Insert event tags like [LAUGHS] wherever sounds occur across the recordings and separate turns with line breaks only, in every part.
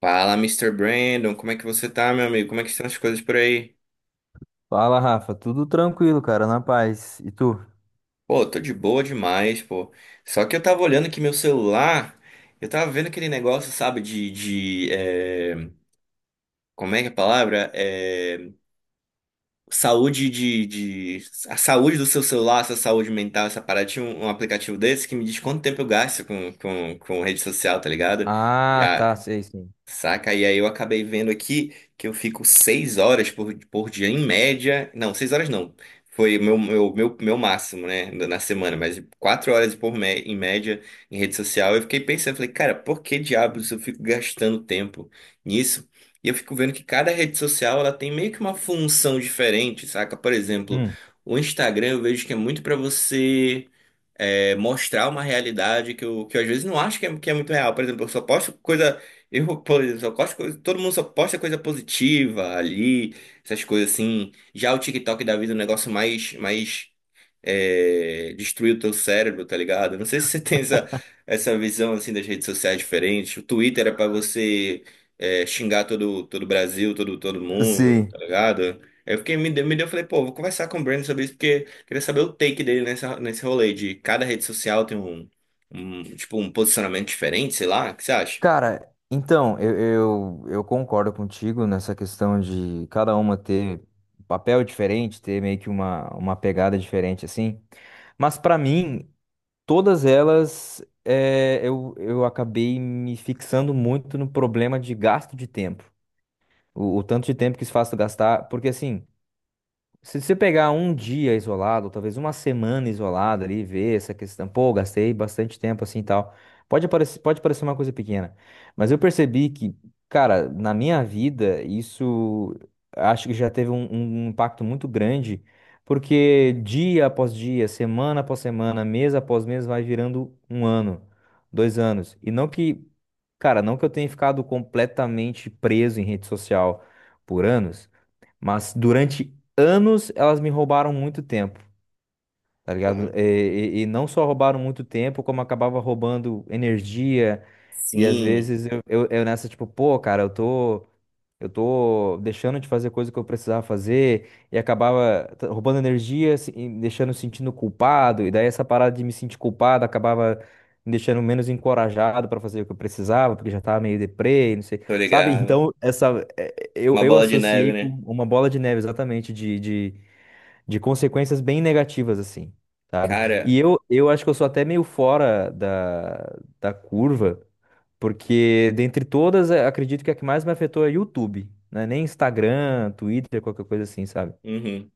Fala, Mister Brandon, como é que você tá, meu amigo? Como é que estão as coisas por aí?
Fala, Rafa. Tudo tranquilo, cara, na paz. E tu?
Pô, tô de boa demais, pô. Só que eu tava olhando aqui meu celular, eu tava vendo aquele negócio, sabe, de, como é que é a palavra? Saúde de... A saúde do seu celular, sua saúde mental, essa parada. Tinha um aplicativo desse que me diz quanto tempo eu gasto com rede social, tá ligado?
Ah, tá, sei, sim.
Saca? E aí eu acabei vendo aqui que eu fico seis horas por dia em média. Não, seis horas não. Foi o meu máximo, né? Na semana, mas quatro horas em média em rede social. Eu fiquei pensando, falei, cara, por que diabos eu fico gastando tempo nisso? E eu fico vendo que cada rede social ela tem meio que uma função diferente, saca? Por exemplo,
Hum.
o Instagram eu vejo que é muito para você mostrar uma realidade que eu às vezes não acho que é muito real. Por exemplo, eu só posto coisa. [LAUGHS] Eu, por exemplo, só posto coisa, todo mundo só posta coisa positiva ali, essas coisas assim. Já o TikTok da vida é um negócio mais destruir o teu cérebro, tá ligado? Não sei se você [LAUGHS] tem essa visão assim das redes sociais diferentes. O Twitter é pra você xingar todo o Brasil, todo mundo, tá
Sim.
ligado? Aí eu fiquei me deu, falei, pô, vou conversar com o Brandon sobre isso porque queria saber o take dele nessa nesse rolê de cada rede social tem um, um tipo um posicionamento diferente, sei lá. O que você acha?
Cara, então, eu concordo contigo nessa questão de cada uma ter um papel diferente, ter meio que uma pegada diferente, assim. Mas pra mim, todas elas, é, eu acabei me fixando muito no problema de gasto de tempo. O tanto de tempo que isso faz tu gastar, porque assim. Se você pegar um dia isolado, ou talvez uma semana isolada ali, e ver essa questão, pô, gastei bastante tempo assim e tal. Pode parecer uma coisa pequena, mas eu percebi que, cara, na minha vida, isso acho que já teve um impacto muito grande, porque dia após dia, semana após semana, mês após mês, vai virando um ano, dois anos. E não que, cara, não que eu tenha ficado completamente preso em rede social por anos. Mas durante anos elas me roubaram muito tempo, tá ligado?
Porra.
E não só roubaram muito tempo, como acabava roubando energia. E às
Sim,
vezes eu, eu nessa, tipo, pô, cara, eu tô deixando de fazer coisa que eu precisava fazer, e acabava roubando energia, e me deixando sentindo culpado, e daí essa parada de me sentir culpado acabava me deixando menos encorajado pra fazer o que eu precisava, porque já tava meio deprê, não sei,
tô
sabe? [LAUGHS]
ligado.
Então, essa, eh, eu,
Uma
eu
bola de neve,
associei com
né?
uma bola de neve, exatamente, de, de consequências bem negativas, assim, sabe?
Cara,
E eu, acho que eu sou até meio fora da curva, porque dentre todas, acredito que a que mais me afetou é YouTube, né? Nem Instagram, Twitter, qualquer coisa assim, sabe?
uhum.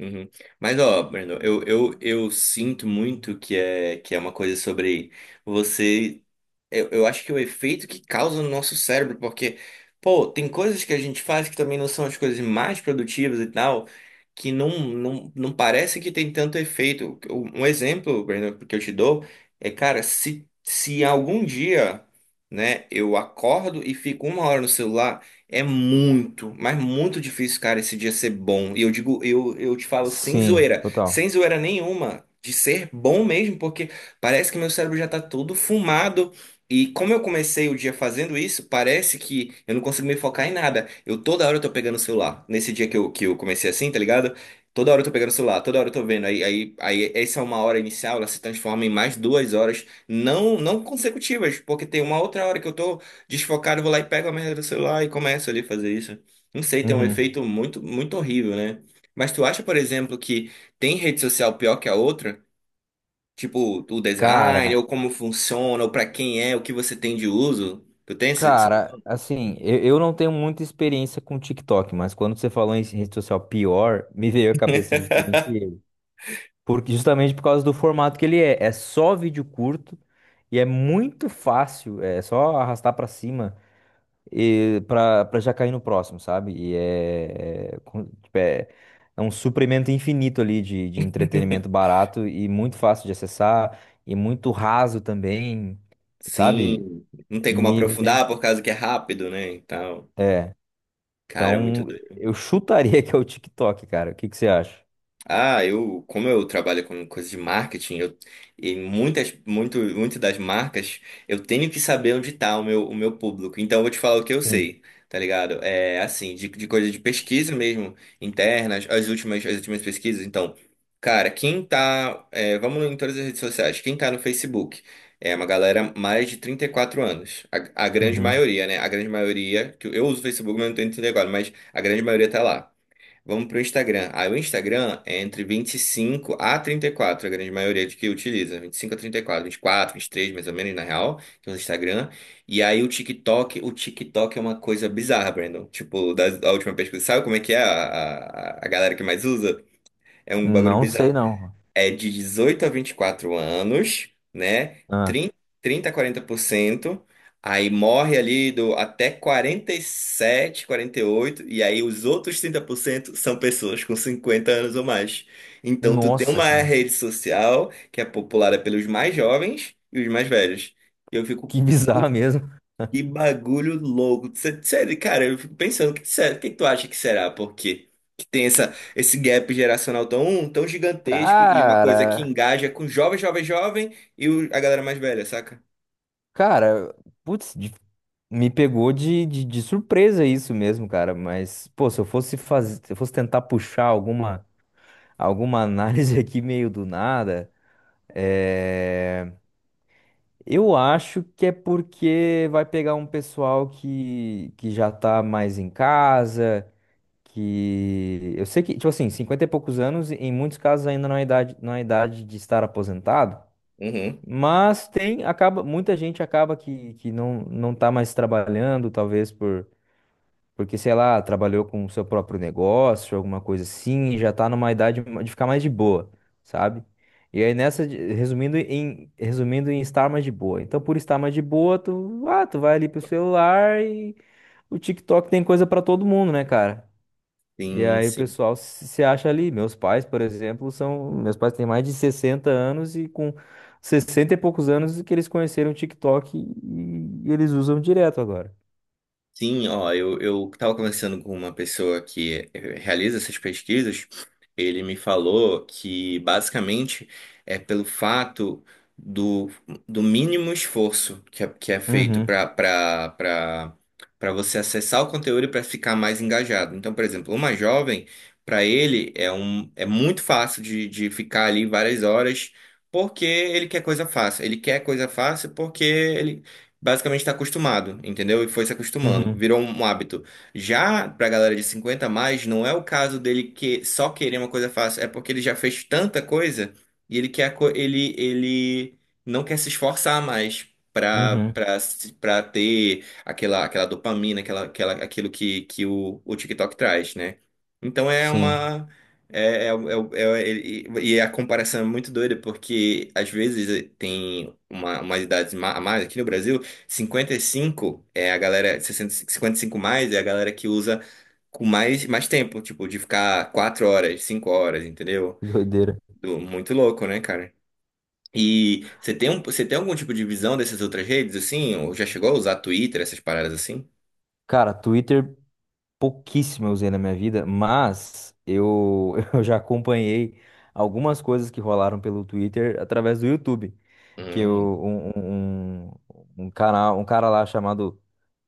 Uhum. Mas ó, Brandon, eu sinto muito que é uma coisa sobre você. Eu acho que é o efeito que causa no nosso cérebro, porque, pô, tem coisas que a gente faz que também não são as coisas mais produtivas e tal, que não parece que tem tanto efeito. Um exemplo, Breno, que eu te dou é, cara, se algum dia, né, eu acordo e fico uma hora no celular, é muito, mas muito difícil, cara, esse dia ser bom. E eu digo, eu te falo sem
Sim,
zoeira,
total.
sem zoeira nenhuma. De ser bom mesmo, porque parece que meu cérebro já tá todo fumado, e como eu comecei o dia fazendo isso, parece que eu não consigo me focar em nada. Eu toda hora eu tô pegando o celular. Nesse dia que eu comecei assim, tá ligado? Toda hora eu tô pegando o celular, toda hora eu tô vendo. Aí essa é uma hora inicial, ela se transforma em mais duas horas, não consecutivas, porque tem uma outra hora que eu tô desfocado, eu vou lá e pego a merda do celular e começo ali a fazer isso. Não sei, tem um
Uhum.
efeito muito, muito horrível, né? Mas tu acha, por exemplo, que tem rede social pior que a outra? Tipo, o design,
Cara,
ou como funciona, ou pra quem é, o que você tem de uso. Tu tem esse essa
cara,
visão?
assim, eu não tenho muita experiência com TikTok, mas quando você falou em rede social pior, me veio à cabeça justamente ele. Porque, justamente por causa do formato que ele é. É só vídeo curto e é muito fácil. É só arrastar pra cima e pra, pra já cair no próximo, sabe? E é um suprimento infinito ali de entretenimento
[LAUGHS]
barato e muito fácil de acessar e muito raso também, sabe?
Sim, não tem como
Me, me vem-
aprofundar por causa que é rápido, né? E tal.
É.
Cara, é muito
Então,
doido.
eu chutaria [LAUGHS] que é o TikTok, cara. O que que você acha?
Ah, eu, como eu trabalho com coisas de marketing, eu, e muitas, muito das marcas, eu tenho que saber onde está o meu público. Então, eu vou te falar o que eu
Sim.
sei, tá ligado? É assim, de coisa de pesquisa mesmo, internas, as últimas pesquisas. Então, cara, quem tá, é, vamos em todas as redes sociais, quem tá no Facebook é uma galera mais de 34 anos. A grande
Uhum.
maioria, né? A grande maioria, que eu uso o Facebook, mas não tenho 34, mas a grande maioria tá lá. Vamos para o Instagram. Aí o Instagram é entre 25 a 34 a grande maioria de que utiliza. Vinte e cinco a trinta e quatro, quatro, vinte e três, mais ou menos, na real, que é o Instagram. E aí o TikTok é uma coisa bizarra, Brandon. Tipo, da última pesquisa, sabe como é que é a galera que mais usa? É um bagulho
Não sei,
bizarro
não.
é de 18 a 24 anos, né?
Ah.
30 a quarenta por cento. Aí morre ali do até quarenta e sete, quarenta e oito e aí os outros 30% são pessoas com 50 anos ou mais. Então tu tem
Nossa,
uma
cara.
rede social que é populada pelos mais jovens e os mais velhos. E eu fico
Que [LAUGHS] bizarro mesmo.
que bagulho louco. Sério, cara, eu fico pensando, o que, o que tu acha que será? Porque tem essa, esse gap geracional tão gigantesco e uma coisa que
Cara,
engaja com jovem, jovem e a galera mais velha, saca?
cara, putz, me pegou de surpresa isso mesmo, cara. Mas, pô, se eu fosse fazer, se eu fosse tentar puxar alguma, alguma análise [LAUGHS] aqui meio do nada, é, eu acho que é porque vai pegar um pessoal que já tá mais em casa, que eu sei que, tipo assim, 50 e poucos anos, em muitos casos ainda não é idade de estar aposentado.
Uhum.
Mas tem, acaba, muita gente acaba que, que não tá mais trabalhando, talvez por, porque, sei lá, trabalhou com o seu próprio negócio, alguma coisa assim, e já tá numa idade de ficar mais de boa, sabe? E aí nessa, resumindo em estar mais de boa. Então, por estar mais de boa, tu, ah, tu vai ali pro celular e o TikTok tem coisa pra todo mundo, né, cara? E
Sim,
aí o
sim.
pessoal se acha ali. Meus pais, por exemplo, são. Meus pais têm mais de 60 anos e com 60 e poucos anos que eles conheceram o TikTok e eles usam direto agora.
Sim, ó, eu estava conversando com uma pessoa que eh, realiza essas pesquisas. Ele me falou que basicamente é pelo fato do, do mínimo esforço que é feito
Uhum,
para você acessar o conteúdo e para ficar mais engajado. Então, por exemplo, uma jovem, para ele é um é muito fácil de ficar ali várias horas porque ele quer coisa fácil. Ele quer coisa fácil porque ele basicamente está acostumado, entendeu? E foi se acostumando,
uhum,
virou um hábito. Já pra galera de 50 a mais, não é o caso dele que só querer uma coisa fácil, é porque ele já fez tanta coisa e ele quer a co- ele ele não quer se esforçar mais. Pra,
uhum.
pra, se- Pra ter aquela dopamina, aquilo que o TikTok traz, né? Então é
Sim,
uma. É, é, é, é- e e a comparação é muito doida, porque às vezes tem uma, a mais aqui no Brasil 55 é a galera, sessenta cinquenta e cinco mais é a galera que usa com mais tempo, tipo, de ficar 4 horas, 5 horas, entendeu?
que doideira.
Muito louco, né, cara? E você tem, um, você tem algum tipo de visão dessas outras redes, assim? Ou já chegou a usar Twitter, essas paradas assim?
Cara, Twitter pouquíssimo eu usei na minha vida, mas eu, [LAUGHS] eu já acompanhei algumas coisas que rolaram pelo Twitter através do YouTube, que
Hum.
eu, um, um canal, um cara lá chamado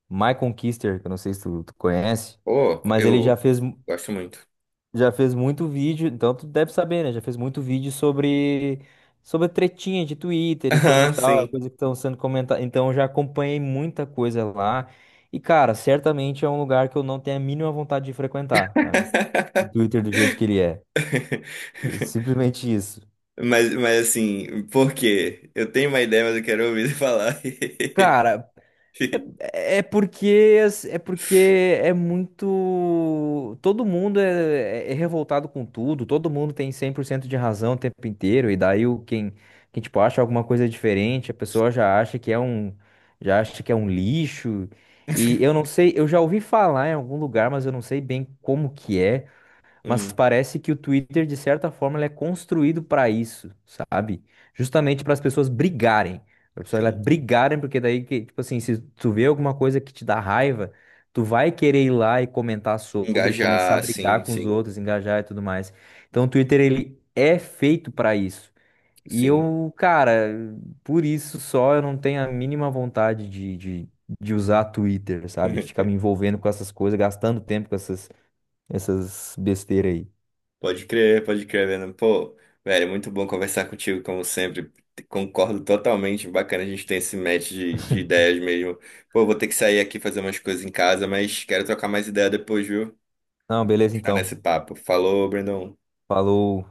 Michael Kister, que eu não sei se tu, tu conhece,
Pô,
mas ele
eu gosto muito. [LAUGHS]
já fez muito vídeo, então tu deve saber, né? Já fez muito vídeo sobre, sobre tretinha de Twitter e coisa e
Aham,
tal,
sim.
coisa que estão sendo comentada. Então eu já acompanhei muita coisa lá. E, cara, certamente é um lugar que eu não tenho a mínima vontade de frequentar, sabe? O Twitter do jeito que ele é. É
[LAUGHS]
simplesmente isso.
Mas assim, por quê? Eu tenho uma ideia, mas eu quero ouvir você falar. [LAUGHS]
Cara, é porque é muito. Todo mundo é revoltado com tudo, todo mundo tem 100% de razão o tempo inteiro, e daí o, quem tipo, acha alguma coisa diferente, a pessoa já acha que é um lixo. E eu não sei, eu já ouvi falar em algum lugar, mas eu não sei bem como que é. Mas
Hum,
parece que o Twitter, de certa forma, ele é construído para isso, sabe? Justamente para as pessoas brigarem. Para as pessoas elas
sim.
brigarem, porque daí, que, tipo assim, se tu vê alguma coisa que te dá raiva, tu vai querer ir lá e comentar sobre, começar a
Engajar, sim,
brigar com os
sim,
outros, engajar e tudo mais. Então, o Twitter, ele é feito para isso. E
sim.
eu, cara, por isso só eu não tenho a mínima vontade de usar Twitter, sabe? Ficar
[LAUGHS]
me envolvendo com essas coisas, gastando tempo com essas, essas besteiras aí.
Pode crer, Venom. Pô, velho, muito bom conversar contigo, como sempre. Concordo totalmente. Bacana a gente ter esse match de ideias mesmo. Pô, vou ter que sair aqui fazer umas coisas em casa, mas quero trocar mais ideia depois, viu?
Não, beleza
Continuar nesse
então.
papo. Falou, Brandon.
Falou.